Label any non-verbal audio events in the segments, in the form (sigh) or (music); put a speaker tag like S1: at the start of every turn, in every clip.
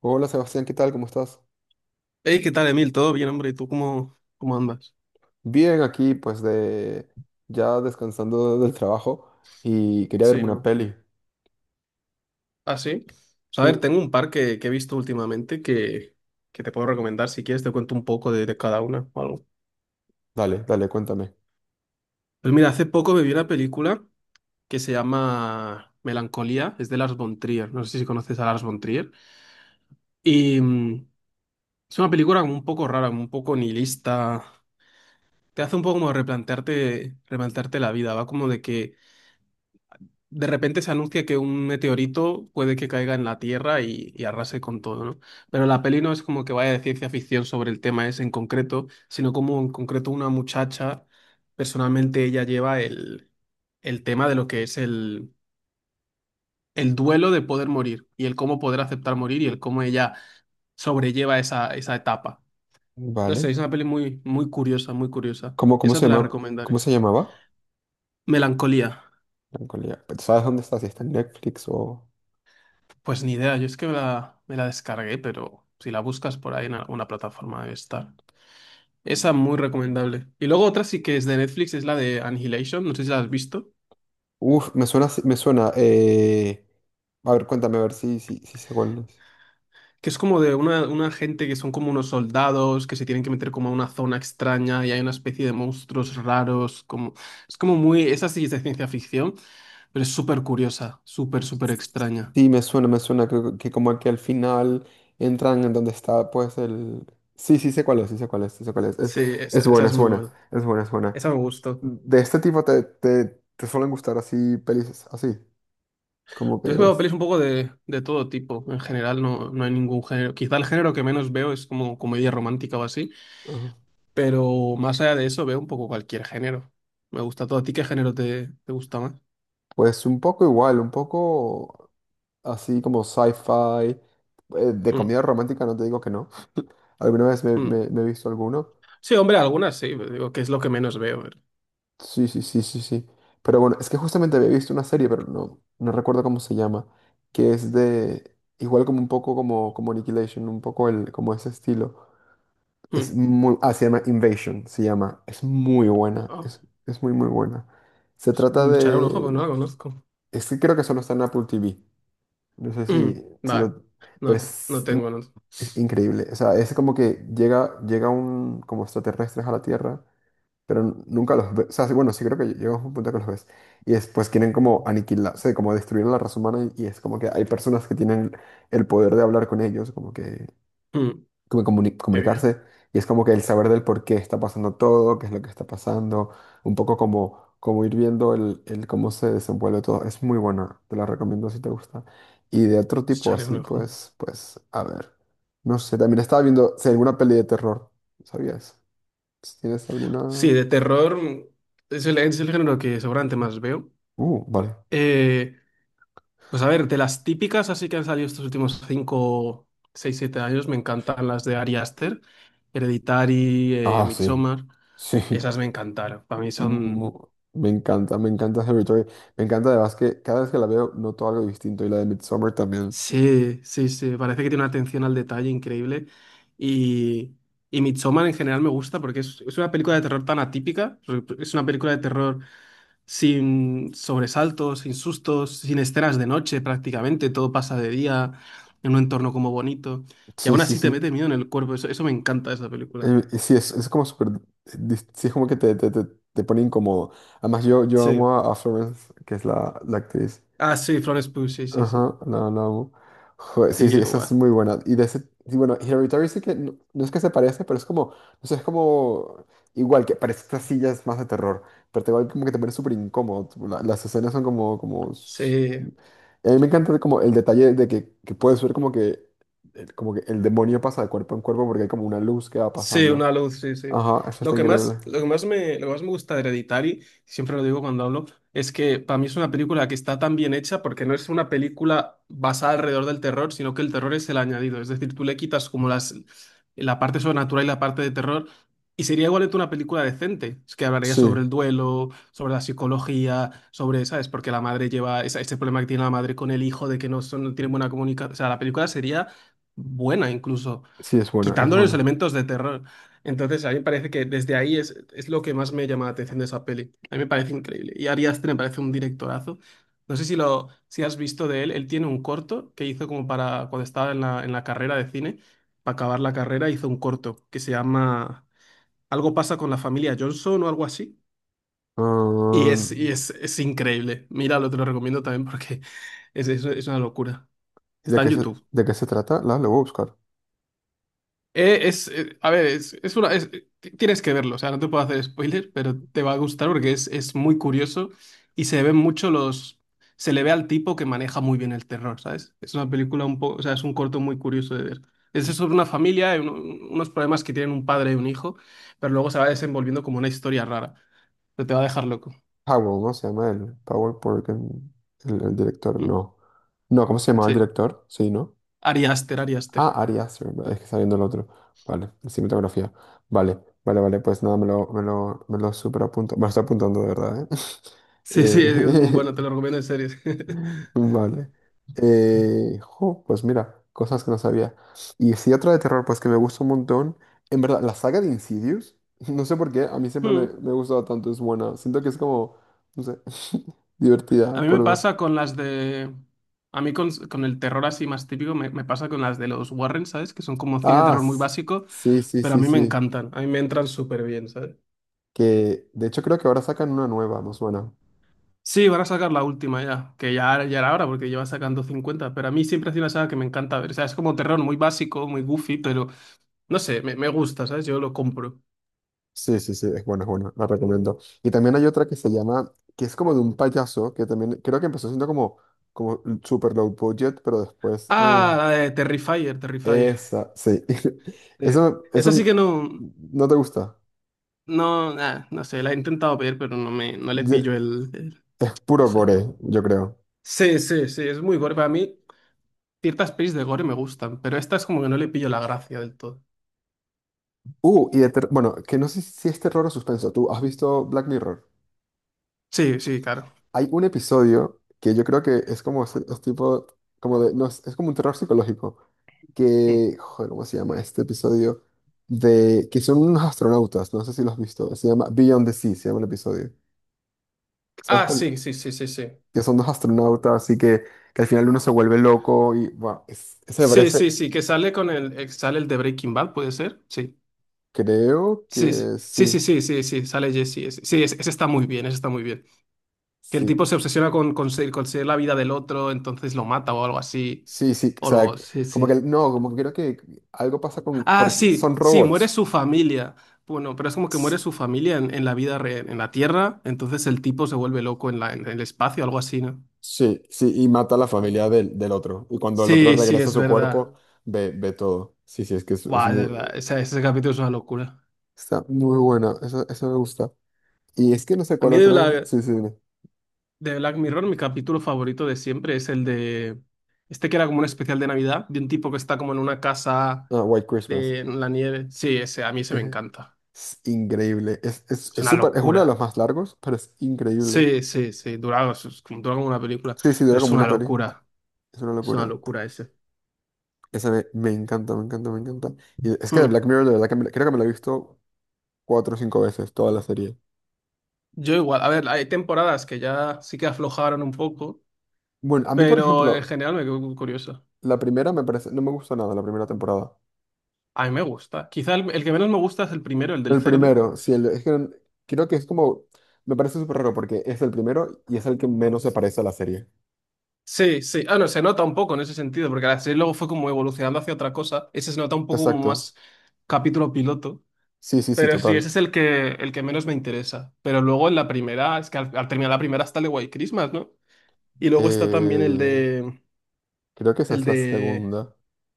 S1: Hola Sebastián, ¿qué tal? ¿Cómo estás?
S2: Hey, ¿qué tal, Emil? ¿Todo bien, hombre? ¿Y tú cómo andas?
S1: Bien, aquí pues de ya descansando (laughs) del trabajo y quería
S2: Sí,
S1: verme una
S2: ¿no?
S1: peli.
S2: ¿Ah, sí? Pues, a ver,
S1: Mm,
S2: tengo un par que he visto últimamente que te puedo recomendar. Si quieres, te cuento un poco de cada una o algo.
S1: Dale, dale, cuéntame.
S2: Pues mira, hace poco me vi una película que se llama Melancolía. Es de Lars von Trier. No sé si conoces a Lars von Trier. Y es una película como un poco rara, como un poco nihilista. Te hace un poco como replantearte la vida. Va como de que de repente se anuncia que un meteorito puede que caiga en la Tierra y arrase con todo, ¿no? Pero la peli no es como que vaya de ciencia ficción sobre el tema ese en concreto, sino como en concreto una muchacha, personalmente ella lleva el tema de lo que es el duelo de poder morir y el cómo poder aceptar morir y el cómo ella sobrelleva esa etapa. No sé,
S1: Vale.
S2: es una peli muy, muy curiosa, muy curiosa.
S1: ¿Cómo, cómo
S2: Esa
S1: se
S2: te la
S1: llama?
S2: recomendaré.
S1: ¿Cómo se llamaba?
S2: Melancolía.
S1: Melancolía. Pero, ¿sabes dónde está? Si está en Netflix o...
S2: Pues ni idea, yo es que me la descargué, pero si la buscas por ahí en alguna plataforma debe estar. Esa muy recomendable. Y luego otra sí que es de Netflix, es la de Annihilation, no sé si la has visto,
S1: Uf, me suena, me suena. A ver, cuéntame a ver si, si, si sé cuál es.
S2: que es como de una gente que son como unos soldados que se tienen que meter como a una zona extraña y hay una especie de monstruos raros, como. Es como muy. Esa sí es de ciencia ficción, pero es súper curiosa, súper, súper extraña.
S1: Sí, me suena, me suena. Creo que como que al final entran en donde está pues el... Sí, sí sé cuál es, sí sé cuál es, sí sé cuál es.
S2: Sí, esa,
S1: Es
S2: esa
S1: buena,
S2: es
S1: es
S2: muy
S1: buena,
S2: buena.
S1: es buena, es buena.
S2: Esa me gustó.
S1: De este tipo te, te, te suelen gustar así pelis, así, como que
S2: Yo he veo
S1: es...
S2: pelis un poco de todo tipo. En general no, no hay ningún género. Quizá el género que menos veo es como comedia romántica o así,
S1: Ajá.
S2: pero más allá de eso veo un poco cualquier género. Me gusta todo. ¿A ti qué género te gusta más?
S1: Pues un poco igual, un poco así como sci-fi, de
S2: Mm,
S1: comedia romántica, no te digo que no. Alguna vez me,
S2: mm.
S1: me he visto alguno.
S2: Sí, hombre, algunas sí, pero digo que es lo que menos veo.
S1: Sí, sí, sí, sí, sí. Pero bueno, es que justamente había visto una serie, pero no, no recuerdo cómo se llama, que es de, igual como un poco como, como Annihilation, un poco el, como ese estilo. Es
S2: Mm.
S1: muy, ah, se llama Invasion, se llama. Es muy buena,
S2: Ah,
S1: es muy, muy buena. Se
S2: pues,
S1: trata
S2: me echaré un ojo, pero no
S1: de...
S2: la conozco.
S1: Es que creo que solo está en Apple TV. No sé
S2: Mm.
S1: si, si
S2: Vale,
S1: lo...
S2: no,
S1: Pero es,
S2: no tengo. No.
S1: es increíble. O sea, es como que llega, llega un... como extraterrestres a la Tierra, pero nunca los ves. O sea, sí, bueno, sí creo que llega un punto que los ves. Y después quieren como aniquilar, o sea, como destruir a la raza humana y es como que hay personas que tienen el poder de hablar con ellos, como que
S2: Mm.
S1: como
S2: Qué bien,
S1: comunicarse y es como que el saber del por qué está pasando todo, qué es lo que está pasando, un poco como, como ir viendo el cómo se desenvuelve todo. Es muy buena, te la recomiendo si te gusta. Y de otro
S2: pues
S1: tipo
S2: echaré
S1: así,
S2: un ojo.
S1: pues, pues, a ver. No sé, también estaba viendo si alguna peli de terror, ¿sabías? Si tienes
S2: Sí,
S1: alguna...
S2: de terror es el género que seguramente más veo.
S1: Vale.
S2: Eh, Pues a ver, de las típicas así que han salido estos últimos 5 6 7 años, me encantan las de Ari Aster, Hereditary,
S1: Ah, sí.
S2: Midsommar,
S1: Sí. (laughs)
S2: esas me encantaron. Para mí
S1: Mm,
S2: son.
S1: me encanta, me encanta Hereditary. Me encanta además que cada vez que la veo noto algo distinto y la de Midsommar también.
S2: Sí, sí, sí, parece que tiene una atención al detalle increíble. Y, y Midsommar en general me gusta porque es una película de terror tan atípica, es una película de terror sin sobresaltos, sin sustos, sin escenas de noche prácticamente, todo pasa de día, en un entorno como bonito, y
S1: Sí,
S2: aún
S1: sí,
S2: así te mete
S1: sí.
S2: miedo en el cuerpo, eso me encanta de esa película.
S1: Y sí, es como súper, sí, es como que te pone incómodo. Además, yo amo
S2: Sí.
S1: a Florence, que es la, la actriz.
S2: Ah, sí, Florence Pugh, sí, sí, sí.
S1: Ajá, la amo. Joder, sí,
S2: Sí,
S1: sí,
S2: yo
S1: esa es
S2: igual.
S1: muy buena. Y de ese, sí, bueno, Hereditary sí que, no, no es que se parece, pero es como, no sé, es como, igual, que parece estas sillas más de terror, pero te igual como que te pone súper incómodo. Tipo, las escenas son como, como,
S2: Sí.
S1: a mí me encanta como el detalle de que puedes ver como que el demonio pasa de cuerpo en cuerpo porque hay como una luz que va
S2: Sí,
S1: pasando.
S2: una luz, sí, sí.
S1: Ajá, eso
S2: Lo
S1: está
S2: que
S1: increíble.
S2: más, lo que más me, lo que más me gusta de Hereditary, siempre lo digo cuando hablo, es que para mí es una película que está tan bien hecha porque no es una película basada alrededor del terror, sino que el terror es el añadido. Es decir, tú le quitas como las, la parte sobrenatural y la parte de terror y sería igualmente una película decente. Es que hablaría
S1: Sí,
S2: sobre el duelo, sobre la psicología, sobre, ¿sabes? Porque la madre lleva ese problema que tiene la madre con el hijo de que no, son, no tienen buena comunicación. O sea, la película sería buena incluso
S1: sí, es buena, es
S2: quitándole los
S1: buena.
S2: elementos de terror. Entonces, a mí me parece que desde ahí es lo que más me llama la atención de esa peli. A mí me parece increíble. Y Ari Aster me parece un directorazo. No sé si lo si has visto de él. Él tiene un corto que hizo como para cuando estaba en la carrera de cine. Para acabar la carrera hizo un corto que se llama Algo pasa con la familia Johnson o algo así. Y
S1: Ah,
S2: es, y es, es increíble. Míralo, te lo recomiendo también porque (laughs) es una locura.
S1: ¿y
S2: Está en YouTube.
S1: de qué se trata? La, lo voy a buscar.
S2: A ver, es una, es- ti- tienes que verlo, o sea, no te puedo hacer spoiler, pero te va a gustar porque es muy curioso y se ven mucho los. Se le ve al tipo que maneja muy bien el terror, ¿sabes? Es una película un poco, o sea, es un corto muy curioso de ver. Es sobre una familia, y unos problemas que tienen un padre y un hijo, pero luego se va desenvolviendo como una historia rara. Pero te va a dejar loco.
S1: Powell, ¿no? Se llama el Powell porque el director,
S2: Mm,
S1: no. No, ¿cómo se llamaba el
S2: Sí,
S1: director? Sí, ¿no?
S2: Ari Aster, Ari Aster.
S1: Ah, Ari Aster, vale, es que está viendo el otro. Vale, cinematografía. Vale, vale, vale, pues nada, me lo, me lo, me lo super apunto. Me lo estoy apuntando de verdad, ¿eh? (laughs)
S2: Sí, sí, es muy
S1: Eh,
S2: bueno, te lo recomiendo en serio.
S1: vale. Jo, pues mira, cosas que no sabía. Y si otra de terror, pues que me gusta un montón. En verdad, la saga de Insidious, (laughs) no sé por qué, a mí siempre me, me ha
S2: (laughs)
S1: gustado tanto, es buena. Siento que es como, no sé, (laughs) divertida
S2: A mí me
S1: por ver.
S2: pasa con las de. A mí con el terror así más típico me pasa con las de los Warren, ¿sabes? Que son como cine de
S1: Ah,
S2: terror muy
S1: s-
S2: básico,
S1: sí, sí,
S2: pero a
S1: sí,
S2: mí me
S1: sí.
S2: encantan, a mí me entran súper bien, ¿sabes?
S1: Que de hecho creo que ahora sacan una nueva, más buena.
S2: Sí, van a sacar la última ya, que ya era hora porque lleva sacando 50 pero a mí siempre ha sido una saga que me encanta ver, o sea, es como terror muy básico, muy goofy, pero no sé, me gusta, ¿sabes? Yo lo compro.
S1: Sí, sí, sí, es buena, la recomiendo. Y también hay otra que se llama, que es como de un payaso, que también creo que empezó siendo como, como super low budget, pero después...
S2: Ah, la de Terrifier, Terrifier.
S1: esa, sí. (laughs)
S2: Sí.
S1: Eso,
S2: Esa sí
S1: eso
S2: que no,
S1: no te gusta.
S2: no, nah, no sé, la he intentado ver, pero no me, no le
S1: Ye-
S2: pillo el.
S1: Es
S2: No
S1: puro
S2: sé.
S1: gore, yo creo.
S2: Sí, sí, sí, es muy gore. Para mí, ciertas pelis de gore me gustan, pero esta es como que no le pillo la gracia del todo.
S1: Y de bueno, que no sé si es terror o suspenso. ¿Tú has visto Black Mirror?
S2: Sí, sí, claro.
S1: Hay un episodio que yo creo que es como es tipo, como de, no, es como un terror psicológico.
S2: Hmm.
S1: Que, joder, ¿cómo se llama este episodio? De que son unos astronautas, no sé si lo has visto. Se llama Beyond the Sea, se llama el episodio. ¿Sabes
S2: Ah,
S1: cuál?
S2: sí, sí, sí, sí, sí.
S1: Que son dos astronautas y que al final uno se vuelve loco y, bueno, ese me
S2: Sí,
S1: parece...
S2: sí, sí, que sale con el, sale el de Breaking Bad, ¿puede ser? Sí.
S1: Creo
S2: Sí,
S1: que
S2: sí, sí, sí,
S1: sí,
S2: sí, sí, sí, sale Jesse. Sí, ese está muy bien, ese está muy bien. Que el
S1: sí,
S2: tipo se obsesiona con conseguir la vida del otro, entonces lo mata o algo así.
S1: sí, sí, o
S2: O
S1: sea,
S2: lo, sí,
S1: como que
S2: sí.
S1: no, como que creo que algo pasa con,
S2: Ah,
S1: porque son
S2: sí, sí, muere
S1: robots.
S2: su familia. Bueno, pero es como que
S1: S-
S2: muere su familia en la vida real, en la Tierra, entonces el tipo se vuelve loco en la, en el espacio, algo así, ¿no?
S1: Sí, sí, y mata a la familia del, del otro. Y cuando el otro
S2: Sí, sí,
S1: regresa a
S2: es
S1: su
S2: verdad.
S1: cuerpo, ve, ve todo. Sí, sí, es que es
S2: Buah, es
S1: muy,
S2: verdad, ese capítulo es una locura.
S1: está muy buena, eso me gusta. Y es que no sé
S2: A
S1: cuál
S2: mí
S1: otro, sí, sí, dime.
S2: De Black Mirror, mi capítulo favorito de siempre es el de. Este que era como un especial de Navidad, de un tipo que está como en una casa
S1: Ah, White Christmas.
S2: en la nieve. Sí, ese, a mí ese me
S1: Eje.
S2: encanta.
S1: Es increíble,
S2: Es
S1: es
S2: una
S1: súper, es uno de los
S2: locura.
S1: más largos, pero es increíble.
S2: Sí, sí, sí, dura, dura como una película,
S1: Sí, sí,
S2: pero
S1: dura
S2: es
S1: como una
S2: una
S1: peli,
S2: locura.
S1: es una
S2: Es una
S1: locura.
S2: locura ese.
S1: Esa me, me encanta, me encanta, me encanta. Y es que de
S2: Hmm.
S1: Black Mirror, de verdad que me creo que me la he visto cuatro o cinco veces toda la serie.
S2: Yo igual, a ver, hay temporadas que ya sí que aflojaron un poco,
S1: Bueno, a mí, por
S2: pero en
S1: ejemplo,
S2: general me quedo curioso.
S1: la primera me parece, no me gusta nada, la primera temporada.
S2: A mí me gusta. Quizá el que menos me gusta es el primero, el del
S1: El
S2: cerdo.
S1: primero, sí, el, es que creo que es como, me parece súper raro porque es el primero y es el que menos se parece a la serie.
S2: Sí, sí. Ah, no, se nota un poco en ese sentido, porque la serie luego fue como evolucionando hacia otra cosa. Ese se nota un poco como
S1: Exacto.
S2: más capítulo piloto.
S1: Sí, sí, sí,
S2: Pero sí,
S1: total.
S2: ese es el que menos me interesa. Pero luego en la primera, es que al terminar la primera está el de White Christmas, ¿no? Y luego está también el
S1: Eh,
S2: de.
S1: creo que esa
S2: El
S1: es la
S2: de.
S1: segunda.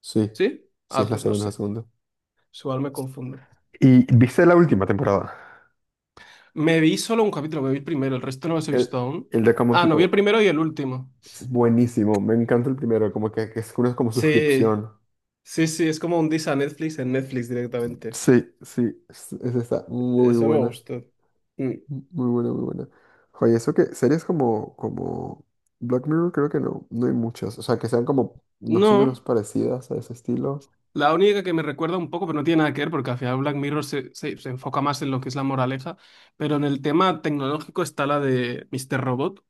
S1: Sí,
S2: ¿Sí?
S1: sí,
S2: Ah,
S1: es la
S2: pues no
S1: segunda, la
S2: sé.
S1: segunda.
S2: Igual me confundo.
S1: ¿Y viste la última temporada?
S2: Me vi solo un capítulo, me vi el primero, el resto no los he
S1: El,
S2: visto aún.
S1: el de Common
S2: Ah, no, vi
S1: People.
S2: el primero y el último.
S1: Es buenísimo, me encanta el primero, como que es una como
S2: Sí,
S1: suscripción.
S2: sí, sí, es como un diss a Netflix en Netflix directamente.
S1: Sí, sí, esa está muy
S2: Eso me
S1: buena,
S2: gustó. Mm.
S1: muy buena, muy buena. Oye, eso que series como, como Black Mirror creo que no, no hay muchas, o sea, que sean como más o menos
S2: No,
S1: parecidas a ese estilo.
S2: la única que me recuerda un poco, pero no tiene nada que ver, porque al final Black Mirror se enfoca más en lo que es la moraleja, pero en el tema tecnológico está la de Mr. Robot,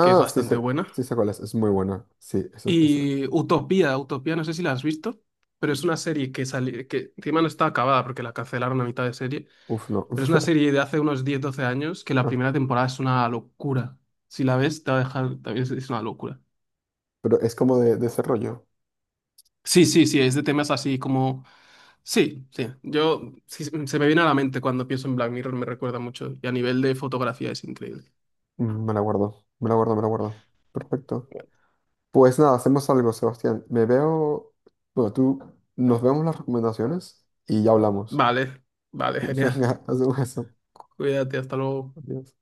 S2: que es bastante buena.
S1: sí sé cuál es muy buena, sí, eso,
S2: Y Utopía, Utopía, no sé si la has visto, pero es una serie que salió, que encima no está acabada porque la cancelaron a mitad de serie.
S1: uf, no.
S2: Pero es una
S1: (laughs)
S2: serie de hace unos 10 12 años que la
S1: Ah,
S2: primera temporada es una locura. Si la ves, te va a dejar, también es una locura.
S1: pero es como de ese rollo.
S2: Sí, sí, sí, es de temas así como. Sí, sí, yo, sí, se me viene a la mente cuando pienso en Black Mirror, me recuerda mucho. Y a nivel de fotografía es increíble.
S1: Me la guardo, me la guardo, me la guardo. Perfecto. Pues nada, hacemos algo, Sebastián. Me veo, bueno, tú, nos vemos las recomendaciones y ya hablamos.
S2: Vale, vale,
S1: (laughs)
S2: genial.
S1: Venga, hacemos eso.
S2: Cuídate, hasta luego.
S1: Adiós.